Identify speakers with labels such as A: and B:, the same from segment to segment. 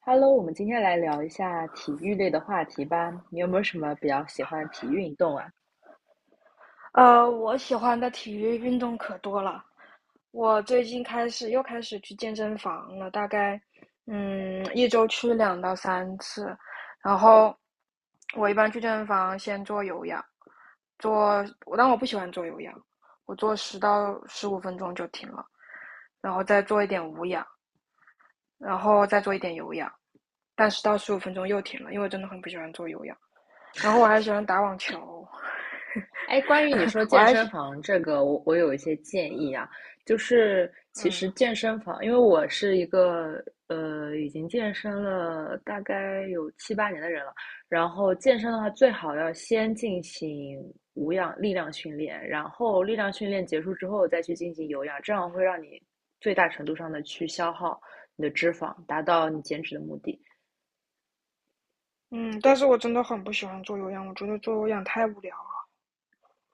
A: Hello，我们今天来聊一下体育类的话题吧。你有没有什么比较喜欢的体育运动啊？
B: 我喜欢的体育运动可多了。我最近开始又开始去健身房了，大概一周去2到3次。然后我一般去健身房先做有氧，但我不喜欢做有氧，我做十到十五分钟就停了，然后再做一点无氧，然后再做一点有氧，但十到十五分钟又停了，因为我真的很不喜欢做有氧。然后我还喜欢打网球，
A: 哎，关于你说
B: 我
A: 健
B: 还
A: 身
B: 喜
A: 房这个，我有一些建议啊，就是其
B: 嗯。
A: 实健身房，因为我是一个已经健身了大概有七八年的人了，然后健身的话最好要先进行无氧力量训练，然后力量训练结束之后再去进行有氧，这样会让你最大程度上的去消耗你的脂肪，达到你减脂的目的。
B: 嗯，但是我真的很不喜欢做有氧，我觉得做有氧太无聊了。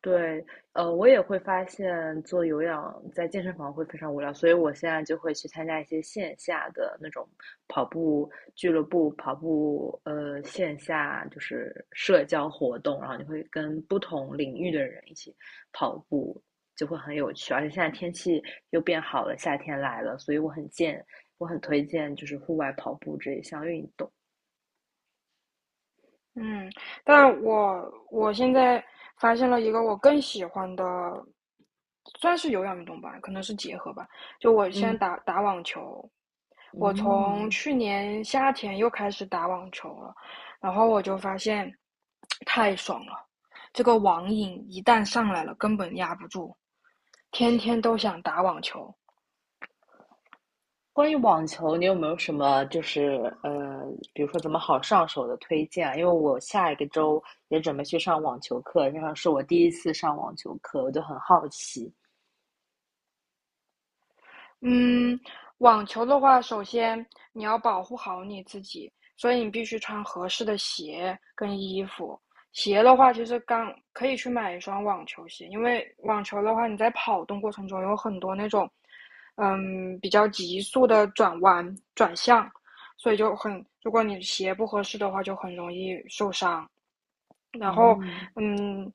A: 对，我也会发现做有氧在健身房会非常无聊，所以我现在就会去参加一些线下的那种跑步俱乐部、跑步线下就是社交活动，然后你会跟不同领域的人一起跑步，就会很有趣。而且现在天气又变好了，夏天来了，所以我很推荐就是户外跑步这一项运动。
B: 嗯，但我现在发现了一个我更喜欢的，算是有氧运动吧，可能是结合吧。就我现在
A: 嗯
B: 打打网球，我从
A: 嗯。
B: 去年夏天又开始打网球了，然后我就发现太爽了，这个网瘾一旦上来了，根本压不住，天天都想打网球。
A: 关于网球，你有没有什么就是呃，比如说怎么好上手的推荐啊？因为我下一个周也准备去上网球课，然后是我第一次上网球课，我就很好奇。
B: 嗯，网球的话，首先你要保护好你自己，所以你必须穿合适的鞋跟衣服。鞋的话，其实刚可以去买一双网球鞋，因为网球的话，你在跑动过程中有很多那种，嗯，比较急速的转弯转向，所以就很，如果你鞋不合适的话，就很容易受伤。然后，
A: 嗯
B: 嗯，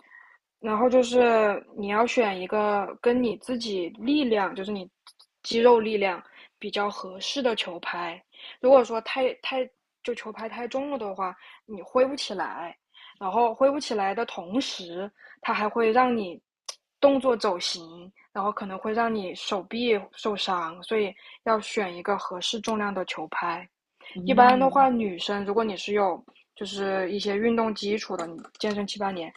B: 然后就是你要选一个跟你自己力量，就是你肌肉力量比较合适的球拍。如果说太就球拍太重了的话，你挥不起来，然后挥不起来的同时，它还会让你动作走形，然后可能会让你手臂受伤，所以要选一个合适重量的球拍。一般的
A: 嗯
B: 话，女生如果你是有就是一些运动基础的，你健身七八年，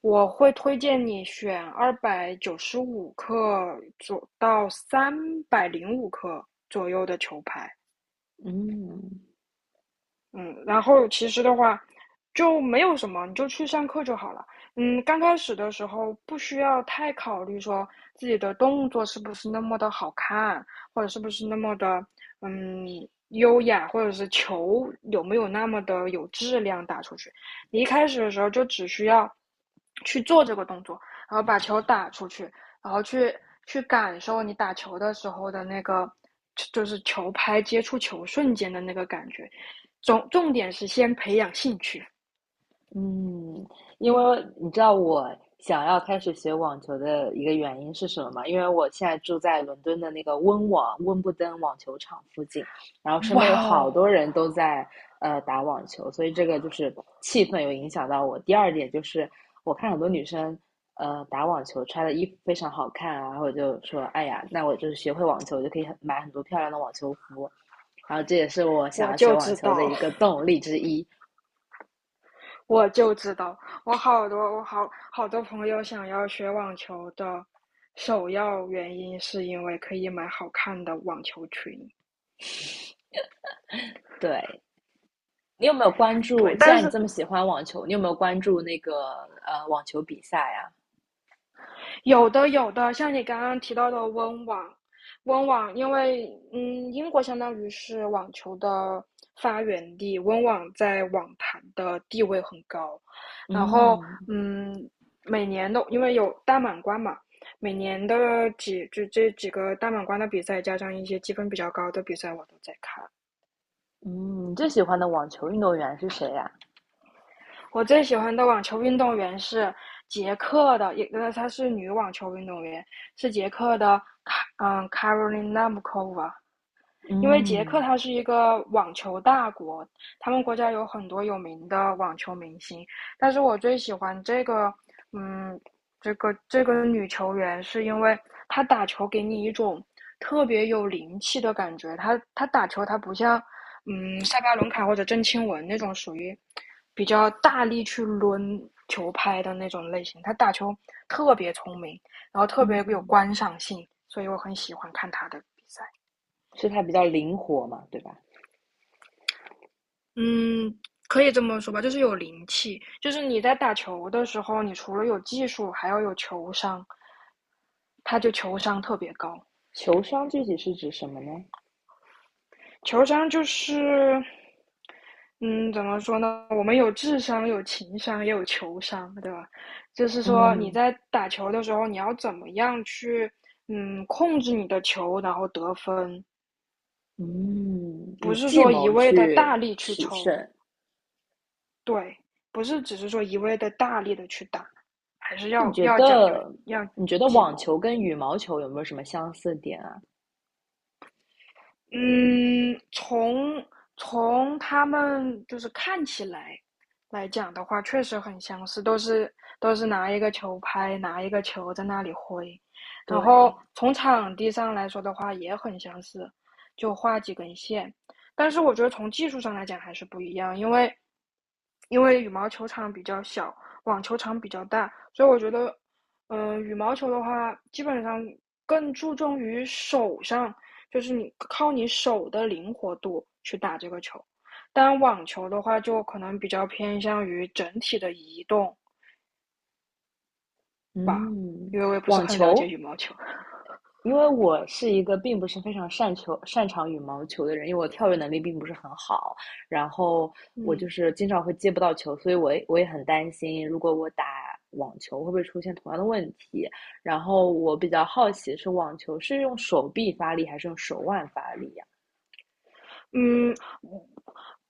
B: 我会推荐你选295克左到305克左右的球拍。
A: 嗯
B: 嗯，然后其实的话，就没有什么，你就去上课就好了。嗯，刚开始的时候不需要太考虑说自己的动作是不是那么的好看，或者是不是那么的优雅，或者是球有没有那么的有质量打出去。你一开始的时候就只需要去做这个动作，然后把球打出去，然后去感受你打球的时候的那个，就是球拍接触球瞬间的那个感觉。重点是先培养兴趣。
A: 嗯，因为你知道我想要开始学网球的一个原因是什么吗？因为我现在住在伦敦的那个温布登网球场附近，然后身边有
B: 哇
A: 好
B: 哦，
A: 多人都在打网球，所以这个就是气氛有影响到我。第二点就是我看很多女生打网球穿的衣服非常好看啊，然后我就说，哎呀，那我就是学会网球，我就可以很多漂亮的网球服，然后这也是我想
B: 我
A: 要学
B: 就
A: 网
B: 知
A: 球的
B: 道，
A: 一个动力之一。
B: 我就知道，我好多朋友想要学网球的，首要原因是因为可以买好看的网球裙。
A: 对，你有没有关注？
B: 对，
A: 既
B: 但
A: 然你
B: 是
A: 这么喜欢网球，你有没有关注那个网球比赛呀、
B: 有的，有的，像你刚刚提到的温网，因为嗯，英国相当于是网球的发源地，温网在网坛的地位很高。然后，
A: 嗯
B: 嗯，每年的因为有大满贯嘛，每年的几就这几个大满贯的比赛，加上一些积分比较高的比赛，我都在看。
A: 嗯，你最喜欢的网球运动员是谁呀？
B: 我最喜欢的网球运动员是捷克的，她是女网球运动员，是捷克的Karolina m u c o v a。 因为捷克
A: 嗯
B: 它是一个网球大国，他们国家有很多有名的网球明星，但是我最喜欢这个，嗯，这个女球员，是因为她打球给你一种特别有灵气的感觉。她打球，她不像，嗯，塞巴伦卡或者郑钦文那种属于比较大力去抡球拍的那种类型，她打球特别聪明，然后特别有
A: 嗯，
B: 观赏性，所以我很喜欢看她的比赛。
A: 是他比较灵活嘛，对吧？
B: 嗯，可以这么说吧，就是有灵气。就是你在打球的时候，你除了有技术，还要有球商，他就球商特别高。
A: 球商具体是指什么呢？
B: 球商就是，嗯，怎么说呢？我们有智商，有情商，也有球商，对吧？就是说你
A: 嗯
B: 在打球的时候，你要怎么样去，嗯，控制你的球，然后得分，
A: 嗯，
B: 不
A: 以
B: 是
A: 计
B: 说一
A: 谋
B: 味的
A: 去
B: 大力去
A: 取
B: 抽。
A: 胜。哎，
B: 对，不是只是说一味的大力的去打，还是
A: 你觉
B: 要讲究
A: 得
B: 要
A: 你觉得
B: 计
A: 网
B: 谋。
A: 球跟羽毛球有没有什么相似点啊？
B: 嗯，从他们就是看起来来讲的话，确实很相似，都是拿一个球拍，拿一个球在那里挥，然后
A: 对，
B: 从场地上来说的话也很相似，就画几根线，但是我觉得从技术上来讲还是不一样，因为羽毛球场比较小，网球场比较大，所以我觉得嗯，羽毛球的话，基本上更注重于手上，就是你靠你手的灵活度去打这个球。但网球的话，就可能比较偏向于整体的移动，
A: 嗯，
B: 因为我也不是
A: 网
B: 很了解
A: 球
B: 羽毛球。
A: 因为我是一个并不是非常擅球擅长羽毛球的人，因为我跳跃能力并不是很好，然后我就
B: 嗯。
A: 是经常会接不到球，所以我也很担心，如果我打网球会不会出现同样的问题。然后我比较好奇是网球是用手臂发力还是用手腕发力呀？
B: 嗯，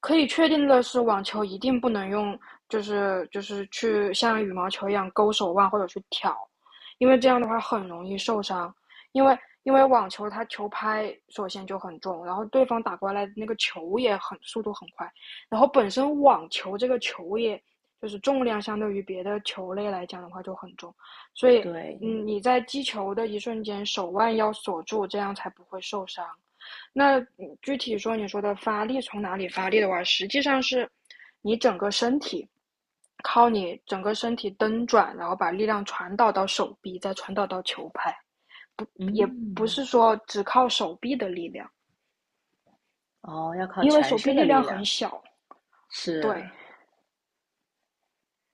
B: 可以确定的是，网球一定不能用，就是去像羽毛球一样勾手腕或者去挑，因为这样的话很容易受伤。因为因为网球它球拍首先就很重，然后对方打过来的那个球也很速度很快，然后本身网球这个球也就是重量相对于别的球类来讲的话就很重，所以
A: 对，
B: 嗯你在击球的一瞬间手腕要锁住，这样才不会受伤。具体说，你说的发力从哪里发力的话，实际上是你整个身体，靠你整个身体蹬转，然后把力量传导到手臂，再传导到球拍，也不
A: 嗯，
B: 是说只靠手臂的力量，
A: 哦，要靠
B: 因为
A: 全
B: 手臂
A: 身的
B: 力量
A: 力
B: 很
A: 量，
B: 小，
A: 是，
B: 对，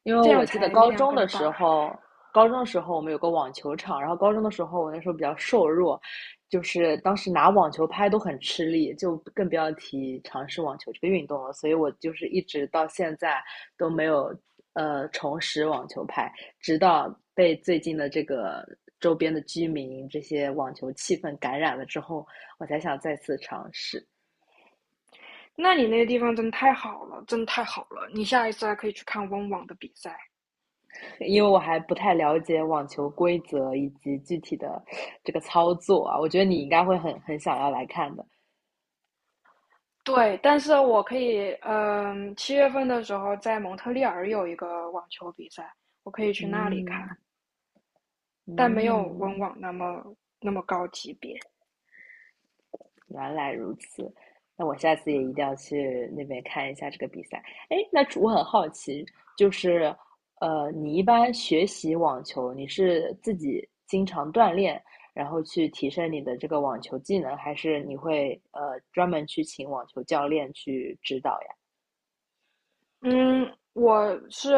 A: 因为
B: 这
A: 我
B: 样
A: 记得
B: 才力
A: 高
B: 量
A: 中的
B: 更
A: 时
B: 大。
A: 候，高中的时候我们有个网球场，然后高中的时候我那时候比较瘦弱，就是当时拿网球拍都很吃力，就更不要提尝试网球这个运动了。所以我就是一直到现在都没有重拾网球拍，直到被最近的这个周边的居民这些网球气氛感染了之后，我才想再次尝试。
B: 那你那个地方真的太好了，真的太好了！你下一次还可以去看温网的比赛。
A: 因为我还不太了解网球规则以及具体的这个操作啊，我觉得你应该会很想要来看的。
B: 对，但是我可以，7月份的时候在蒙特利尔有一个网球比赛，我可以去那里看，
A: 嗯
B: 但没有温
A: 嗯，
B: 网那么高级别。
A: 原来如此，那我下次也一定要去那边看一下这个比赛。哎，那我很好奇，就是你一般学习网球，你是自己经常锻炼，然后去提升你的这个网球技能，还是你会专门去请网球教练去指导呀？
B: 嗯，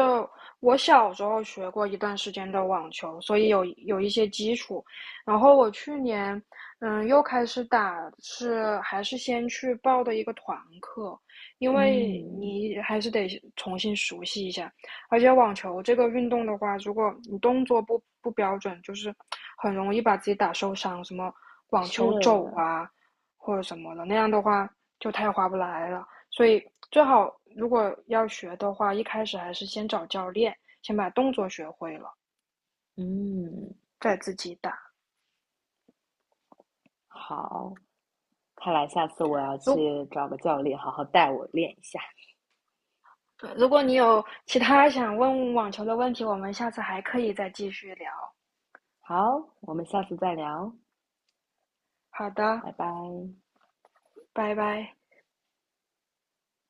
B: 我小时候学过一段时间的网球，所以有一些基础。然后我去年，嗯，又开始打，是还是先去报的一个团课，因为
A: 嗯。
B: 你还是得重新熟悉一下。而且网球这个运动的话，如果你动作不标准，就是很容易把自己打受伤，什么网球肘
A: 是，
B: 啊或者什么的，那样的话就太划不来了。所以最好如果要学的话，一开始还是先找教练，先把动作学会了，
A: 嗯，
B: 再自己打。
A: 好，看来下次我要
B: 如
A: 去找个教练，好好带我练一下。
B: 如果你有其他想问网球的问题，我们下次还可以再继续聊。
A: 好，我们下次再聊，
B: 好的，
A: 拜拜。
B: 拜拜。